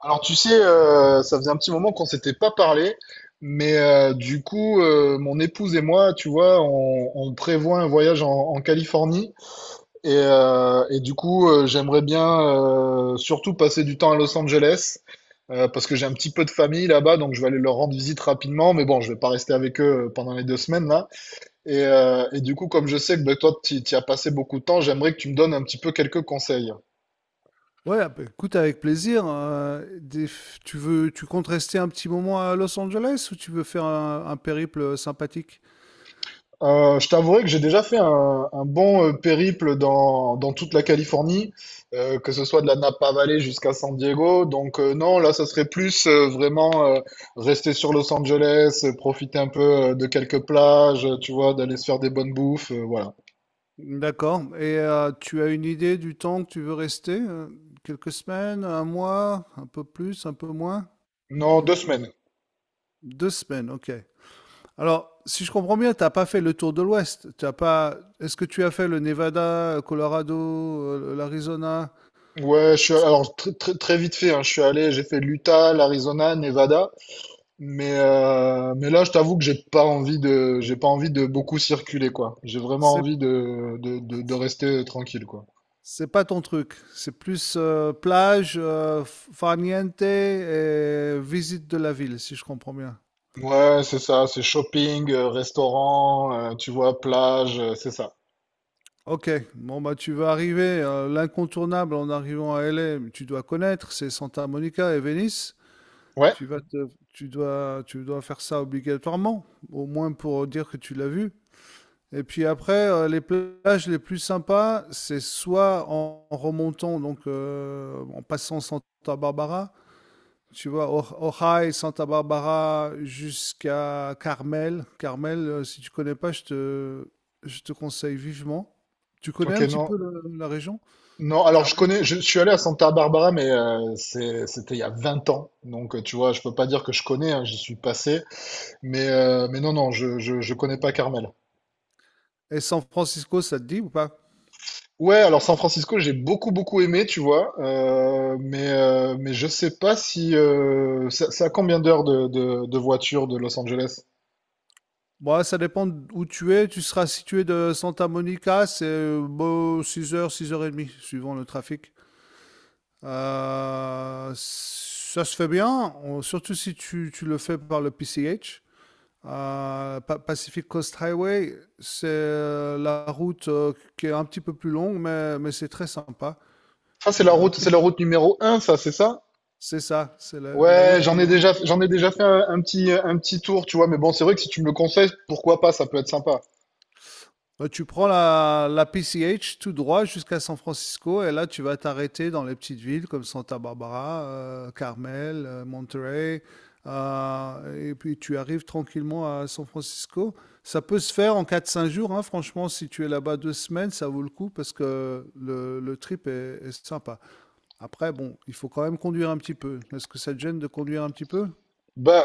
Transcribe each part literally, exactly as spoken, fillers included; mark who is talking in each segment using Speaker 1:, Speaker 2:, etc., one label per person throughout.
Speaker 1: Alors tu sais, euh, ça faisait un petit moment qu'on s'était pas parlé, mais euh, du coup, euh, mon épouse et moi, tu vois, on, on prévoit un voyage en, en Californie et, euh, et du coup, euh, j'aimerais bien euh, surtout passer du temps à Los Angeles euh, parce que j'ai un petit peu de famille là-bas, donc je vais aller leur rendre visite rapidement, mais bon, je vais pas rester avec eux euh, pendant les deux semaines là. Et, euh, et du coup, comme je sais que ben, toi, tu y as passé beaucoup de temps, j'aimerais que tu me donnes un petit peu quelques conseils.
Speaker 2: Ouais, ah bah, écoute, avec plaisir. euh, des- tu veux, tu comptes rester un petit moment à Los Angeles ou tu veux faire un, un périple sympathique?
Speaker 1: Euh, je t'avouerai que j'ai déjà fait un, un bon euh, périple dans, dans toute la Californie, euh, que ce soit de la Napa Valley jusqu'à San Diego. Donc euh, non, là, ça serait plus euh, vraiment euh, rester sur Los Angeles, euh, profiter un peu euh, de quelques plages, euh, tu vois, d'aller se faire des bonnes bouffes, euh, voilà.
Speaker 2: D'accord. Et euh, tu as une idée du temps que tu veux rester? euh, Quelques semaines, un mois, un peu plus, un peu moins?
Speaker 1: Non, deux semaines.
Speaker 2: Deux semaines, ok. Alors, si je comprends bien, t'as pas fait le tour de l'Ouest. T'as pas. Est-ce que tu as fait le Nevada, le Colorado, euh, l'Arizona?
Speaker 1: Ouais, je suis alors très, très, très vite fait, hein, je suis allé, j'ai fait l'Utah, l'Arizona, Nevada. Mais, euh, mais là, je t'avoue que j'ai pas envie de, j'ai pas envie de beaucoup circuler, quoi. J'ai vraiment envie de, de, de, de rester tranquille, quoi.
Speaker 2: C'est pas ton truc. C'est plus euh, plage, euh, farniente et visite de la ville, si je comprends bien.
Speaker 1: Ouais, c'est ça, c'est shopping, euh, restaurant, euh, tu vois, plage, euh, c'est ça.
Speaker 2: Ok, bon bah tu vas arriver, euh, l'incontournable en arrivant à L A, tu dois connaître, c'est Santa Monica et Venice.
Speaker 1: Ouais,
Speaker 2: Tu vas te- tu dois, tu dois faire ça obligatoirement, au moins pour dire que tu l'as vu. Et puis après, euh, les plages les plus sympas, c'est soit en, en remontant, donc euh, en passant Santa Barbara, tu vois, Ojai, Santa Barbara jusqu'à Carmel. Carmel, euh, si tu connais pas, je te, je te conseille vivement. Tu connais
Speaker 1: ok,
Speaker 2: un petit
Speaker 1: non.
Speaker 2: peu le- la région,
Speaker 1: Non, alors je
Speaker 2: Carmel?
Speaker 1: connais, je, suis allé à Santa Barbara, mais euh, c'est- c'était il y a vingt ans. Donc, euh, tu vois, je peux pas dire que je connais, hein, j'y suis passé. Mais, euh, mais non, non, je, je, je connais pas Carmel.
Speaker 2: Et San Francisco, ça te dit ou pas?
Speaker 1: Ouais, alors San Francisco, j'ai beaucoup beaucoup aimé, tu vois, euh, mais euh, mais je sais pas si euh, ça- c'est à combien d'heures de, de, de voiture de Los Angeles?
Speaker 2: Bon, ça dépend où tu es. Tu seras situé de Santa Monica, c'est euh, bon, six heures, six heures trente, suivant le trafic. Euh, ça se fait bien, on- surtout si tu, tu le fais par le P C H. Euh, Pa- Pacific Coast Highway, c'est euh, la route euh, qui est un petit peu plus longue, mais, mais c'est très sympa.
Speaker 1: Ça c'est la
Speaker 2: Euh,
Speaker 1: route,
Speaker 2: tu-
Speaker 1: c'est la route numéro un, ça, c'est ça?
Speaker 2: c'est ça, c'est la, la
Speaker 1: Ouais,
Speaker 2: route plus
Speaker 1: j'en ai
Speaker 2: longue.
Speaker 1: déjà j'en ai déjà fait un, un petit un petit tour, tu vois, mais bon, c'est vrai que si tu me le conseilles, pourquoi pas, ça peut être sympa.
Speaker 2: Euh, tu prends la, la P C H tout droit jusqu'à San Francisco et là tu vas t'arrêter dans les petites villes comme Santa Barbara, euh, Carmel, euh, Monterey, euh, et puis tu arrives tranquillement à San Francisco. Ça peut se faire en quatre cinq jours, hein, franchement, si tu es là-bas deux semaines, ça vaut le coup parce que le, le trip est est sympa. Après, bon, il faut quand même conduire un petit peu. Est-ce que ça te gêne de conduire un petit peu?
Speaker 1: Bah,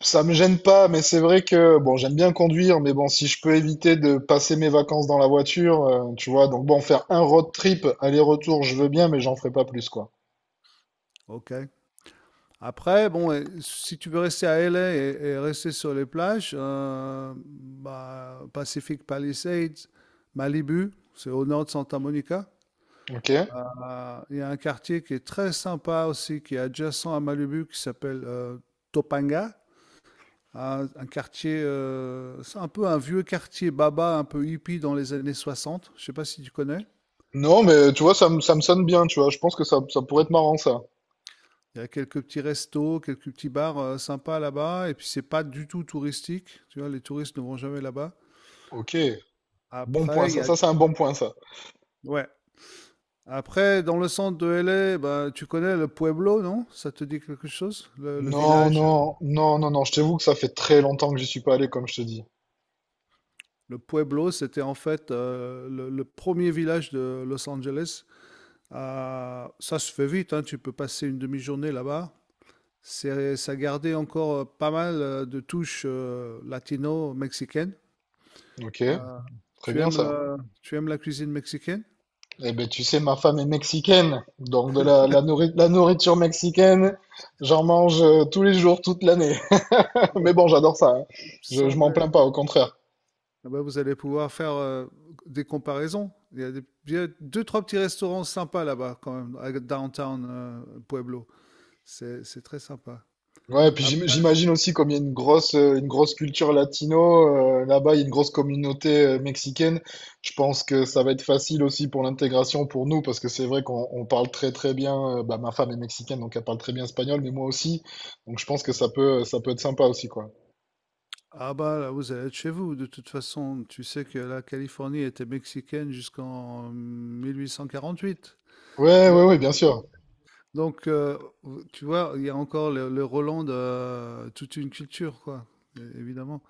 Speaker 1: ça me gêne pas, mais c'est vrai que bon, j'aime bien conduire, mais bon, si je peux éviter de passer mes vacances dans la voiture, euh, tu vois, donc bon, faire un road trip aller-retour, je veux bien, mais j'en ferai pas plus, quoi.
Speaker 2: Ok. Après, bon, et si tu veux rester à L A et, et rester sur les plages, euh, bah, Pacific Palisades, Malibu, c'est au nord de Santa Monica.
Speaker 1: Ok?
Speaker 2: Euh, Il y a un quartier qui est très sympa aussi, qui est adjacent à Malibu, qui s'appelle euh, Topanga. Un, un quartier, euh, c'est un peu un vieux quartier baba, un peu hippie dans les années soixante. Je sais pas si tu connais.
Speaker 1: Non, mais tu vois, ça me, ça me sonne bien, tu vois. Je pense que ça, ça pourrait être marrant, ça.
Speaker 2: Il y a quelques petits restos, quelques petits bars euh, sympas là-bas. Et puis, c'est pas du tout touristique. Tu vois, les touristes ne vont jamais là-bas.
Speaker 1: Ok, bon point,
Speaker 2: Après, il y
Speaker 1: ça.
Speaker 2: a.
Speaker 1: Ça, c'est un bon point, ça.
Speaker 2: Ouais. Après, dans le centre de L A, bah, tu connais le Pueblo, non? Ça te dit quelque chose? Le, le
Speaker 1: Non,
Speaker 2: village, euh,
Speaker 1: non, non, non, non. Je t'avoue que ça fait très longtemps que j'y suis pas allé, comme je te dis.
Speaker 2: le Pueblo, c'était en fait euh, le, le premier village de Los Angeles. Euh, ça se fait vite, hein, tu peux passer une demi-journée là-bas. C'est, ça gardait encore euh, pas mal euh, de touches euh, latino-mexicaines.
Speaker 1: Ok,
Speaker 2: Euh,
Speaker 1: très
Speaker 2: tu
Speaker 1: bien,
Speaker 2: aimes
Speaker 1: ça.
Speaker 2: la, tu aimes la cuisine mexicaine?
Speaker 1: Eh ben, tu sais, ma femme est mexicaine. Donc, de la, la, nourri- la nourriture mexicaine, j'en mange euh, tous les jours, toute l'année.
Speaker 2: Ouais,
Speaker 1: Mais bon, j'adore ça, hein.
Speaker 2: il me
Speaker 1: Je, je m'en
Speaker 2: semblait.
Speaker 1: plains pas, au contraire.
Speaker 2: Ah bah, vous allez pouvoir faire euh, des comparaisons. Il y a des- il y a deux, trois petits restaurants sympas là-bas, quand même, à downtown euh, Pueblo. C'est, c'est très sympa.
Speaker 1: Ouais, puis j'im-
Speaker 2: Après,
Speaker 1: j'imagine aussi comme il y a une grosse, euh, une grosse culture latino, euh, là-bas il y a une grosse communauté euh, mexicaine. Je pense que ça va être facile aussi pour l'intégration pour nous parce que c'est vrai qu'on on parle très très bien. Euh, bah, ma femme est mexicaine donc elle parle très bien espagnol, mais moi aussi. Donc je pense que ça peut, ça peut être sympa aussi quoi.
Speaker 2: ah bah là, vous allez être chez vous. De toute façon, tu sais que la Californie était mexicaine jusqu'en mille huit cent quarante-huit.
Speaker 1: Ouais, ouais,
Speaker 2: Donc,
Speaker 1: ouais, bien sûr.
Speaker 2: donc euh, tu vois, il y a encore le, le Roland de euh, toute une culture, quoi, é- évidemment.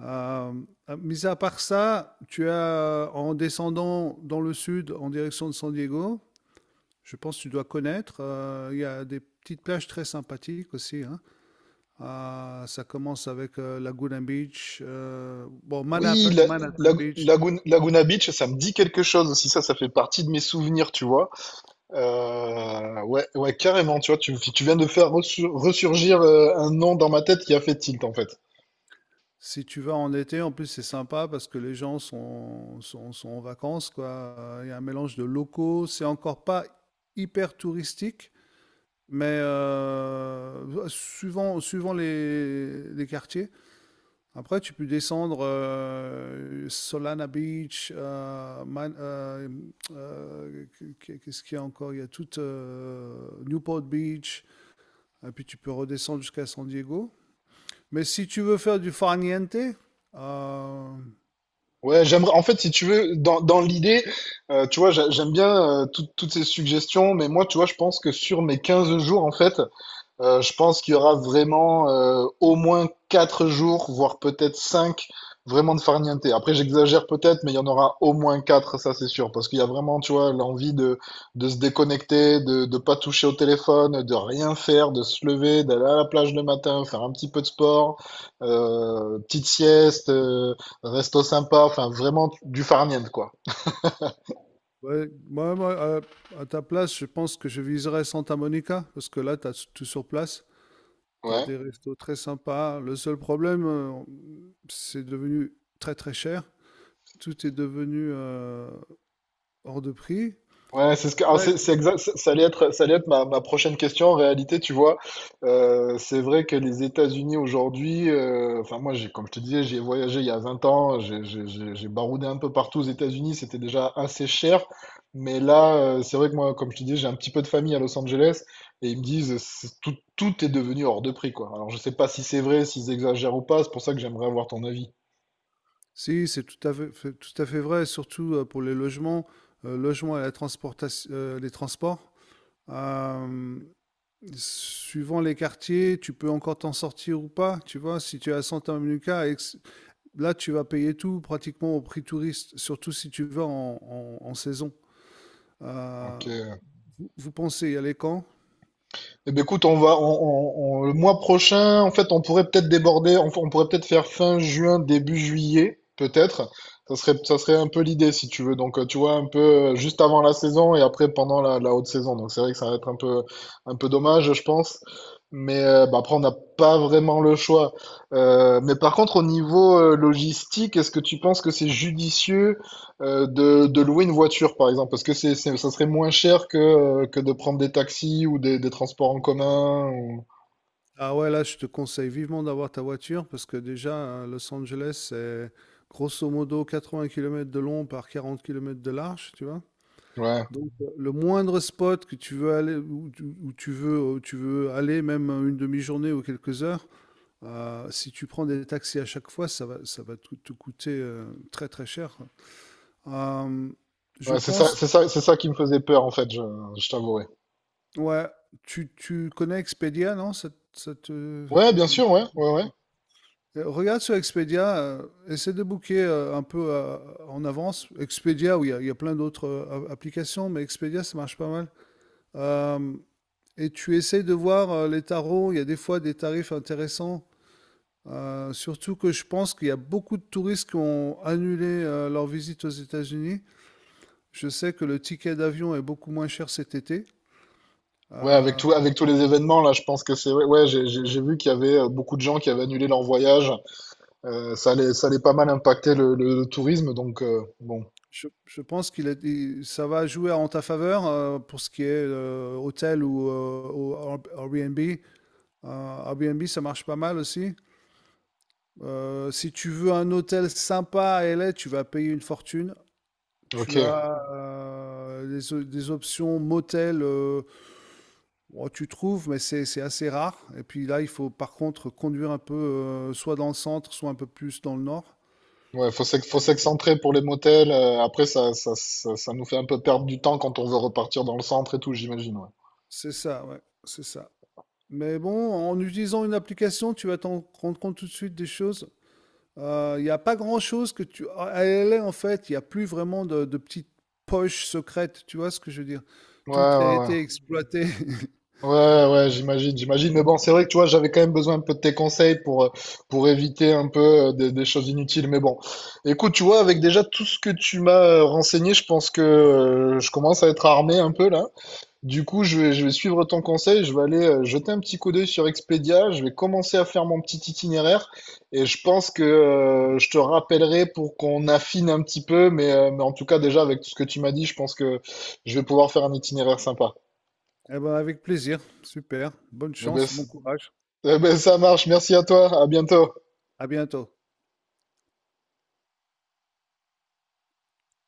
Speaker 2: Euh, mis à part ça, tu as, euh, en descendant dans le sud, en direction de San Diego, je pense que tu dois connaître, euh, il y a des petites plages très sympathiques aussi, hein. Euh, ça commence avec euh, Laguna Beach, euh, bon,
Speaker 1: Oui,
Speaker 2: Manhap-
Speaker 1: la,
Speaker 2: Manhattan,
Speaker 1: la-
Speaker 2: Beach.
Speaker 1: Lagun- Laguna Beach, ça me dit quelque chose aussi. Ça, ça fait partie de mes souvenirs, tu vois. Euh, ouais, ouais, carrément, tu vois, tu, tu viens de faire ressur- ressurgir euh, un nom dans ma tête qui a fait tilt, en fait.
Speaker 2: Si tu vas en été, en plus, c'est sympa parce que les gens sont, sont, sont en vacances, quoi. Euh, Il y a un mélange de locaux, c'est encore pas hyper touristique, Mais heu, suivant suivant les les quartiers. Après, tu peux descendre, heu, Solana Beach, heu, Man heu, heu, qu'est-ce qu'il y a encore? Il y a toute, heu, Newport Beach et puis tu peux redescendre jusqu'à San Diego. Mais si tu veux faire du farniente, heu,
Speaker 1: Ouais, j'aimerais, en fait, si tu veux, dans, dans l'idée, euh, tu vois, j'a- j'aime bien euh, tout- toutes ces suggestions, mais moi, tu vois, je pense que sur mes quinze jours, en fait, Euh, je pense qu'il y aura vraiment euh, au moins quatre jours, voire peut-être cinq, vraiment de farniente. Après, j'exagère peut-être, mais il y en aura au moins quatre, ça c'est sûr, parce qu'il y a vraiment, tu vois, l'envie de, de se déconnecter, de ne pas toucher au téléphone, de rien faire, de se lever, d'aller à la plage le matin, faire un petit peu de sport, euh, petite sieste, euh, resto sympa, enfin vraiment du farniente, quoi.
Speaker 2: ouais, moi moi, heu, à ta place, je pense que je viserais Santa Monica parce que là, tu as tout sur place. T'as
Speaker 1: Ouais.
Speaker 2: des restos très sympas. Le seul problème, euh, c'est devenu très très cher. Tout est devenu euh, hors de prix.
Speaker 1: Ouais, c'est ce que, alors
Speaker 2: Ouais.
Speaker 1: c'est, c'est exact, ça ça allait être, ça allait être ma, ma prochaine question. En réalité, tu vois, euh, c'est vrai que les États-Unis aujourd'hui, euh, enfin moi, j'ai, comme je te disais, j'y ai voyagé il y a vingt ans, j'ai j'ai- j'ai- j'ai baroudé un peu partout aux États-Unis, c'était déjà assez cher. Mais là, euh, c'est vrai que moi, comme je te disais, j'ai un petit peu de famille à Los Angeles et ils me disent, c'est- tout, tout est devenu hors de prix, quoi. Alors je sais pas si c'est vrai, s'ils exagèrent ou pas, c'est pour ça que j'aimerais avoir ton avis.
Speaker 2: Si, c'est tout à fait, fait- tout à fait vrai, surtout euh, pour les logements, euh, logements et la transportation, euh, les transports. Euh, suivant les quartiers, tu peux encore t'en sortir ou pas. Tu vois, si tu es à Santa Monica, et que c- là, tu vas payer tout pratiquement au prix touriste, surtout si tu vas en, en- en saison. Euh,
Speaker 1: Ok.
Speaker 2: vous, vous pensez y aller quand?
Speaker 1: Eh ben, écoute, on va, on, on- on- le mois prochain, en fait, on pourrait peut-être déborder, on, on pourrait peut-être faire fin juin, début juillet, peut-être. Ça serait, ça serait un peu l'idée, si tu veux. Donc, euh, tu vois, un peu euh, juste avant la saison et après pendant la, la haute saison. Donc, c'est vrai que ça va être un peu, un peu dommage, je pense. Mais euh, bah, après, on n'a pas vraiment le choix. Euh, mais par contre, au niveau euh, logistique, est-ce que tu penses que c'est judicieux euh, de, de louer une voiture, par exemple, parce que c'est, c'est- ça serait moins cher que, euh, que de prendre des taxis ou des, des transports en commun. Ou
Speaker 2: Ah ouais, là, je te conseille vivement d'avoir ta voiture parce que déjà, à Los Angeles, c'est grosso modo quatre-vingts kilomètres de long par quarante kilomètres de large, tu vois.
Speaker 1: ouais,
Speaker 2: Donc, euh, le moindre spot que tu veux aller, où tu, où tu veux, où tu veux aller, même euh, une demi-journée ou quelques heures, euh, si tu prends des taxis à chaque fois, ça va, ça va te, te coûter euh, très très cher. Euh, je
Speaker 1: ouais, c'est ça,
Speaker 2: pense,
Speaker 1: c'est ça, c'est ça qui me faisait peur, en fait, je, je t'avouerai.
Speaker 2: ouais, tu, tu connais Expedia, non? Ça, ça te.
Speaker 1: Ouais, bien sûr, ouais, ouais, ouais.
Speaker 2: Heu, regarde sur Expedia, heu, essaie de booker, heu, un peu, heu, en avance. Expedia ou il y a il y a plein d'autres, heu, a applications, mais Expedia, ça marche pas mal. Hem et tu essaies de voir, heu, les tarots, il y a des fois des tarifs intéressants, heu, surtout que je pense qu'il y a beaucoup de touristes qui ont annulé, heu, leur visite aux États-Unis. Je sais que le ticket d'avion est beaucoup moins cher cet été.
Speaker 1: Ouais, avec
Speaker 2: Heu,
Speaker 1: tout, avec tous les événements, là, je pense que c'est... Ouais, ouais, j'ai, j'ai j'ai vu qu'il y avait euh, beaucoup de gens qui avaient annulé leur voyage. Euh, ça allait, ça allait pas mal impacter le, le tourisme, donc euh, bon,
Speaker 2: je je pense qu'il est i ça va jouer en ta faveur, heu, pour ce qui est, heu, hôtel ou, heu, ou Air Airbnb. Euh, Airbnb, ça marche pas mal aussi. Euh, si tu veux un hôtel sympa à L A, tu vas payer une fortune.
Speaker 1: ok.
Speaker 2: Tu as euh, des, o- des options motel, euh, bon, tu trouves, mais c'est c'est assez rare. Et puis là, il faut par contre conduire un peu, euh, soit dans le centre, soit un peu plus dans le nord.
Speaker 1: Ouais, faut s'ex- faut s'excentrer pour les motels. Euh, après, ça, ça, ça, ça nous fait un peu perdre du temps quand on veut repartir dans le centre et tout, j'imagine. Ouais.
Speaker 2: C'est ça, ouais, c'est ça. Mais bon, en utilisant une application, tu vas t'en rendre compte tout de suite des choses. Euh, Il n'y a pas grand-chose que tu. À L A, en fait, il n'y a plus vraiment de, de petites poches secrètes, tu vois ce que je veux dire?
Speaker 1: Ouais,
Speaker 2: Tout a
Speaker 1: ouais, ouais.
Speaker 2: été exploité.
Speaker 1: Ouais, ouais, ouais, j'imagine, j'imagine. Mais bon, c'est vrai que tu vois, j'avais quand même besoin un peu de tes conseils pour, euh, pour éviter un peu euh, des, des choses inutiles. Mais bon, écoute, tu vois, avec déjà tout ce que tu m'as euh, renseigné, je pense que euh, je commence à être armé un peu là. Du coup, je vais, je vais suivre ton conseil, je vais aller euh, jeter un petit coup d'œil sur Expedia, je vais commencer à faire mon petit itinéraire et je pense que euh, je te rappellerai pour qu'on affine un petit peu. Mais, euh, mais en tout cas, déjà, avec tout ce que tu m'as dit, je pense que je vais pouvoir faire un itinéraire sympa.
Speaker 2: Eh ben, avec plaisir. Super. Bonne
Speaker 1: Mais ben,
Speaker 2: chance, bon courage.
Speaker 1: Eh ben, ça marche. Merci à toi. À bientôt.
Speaker 2: À bientôt.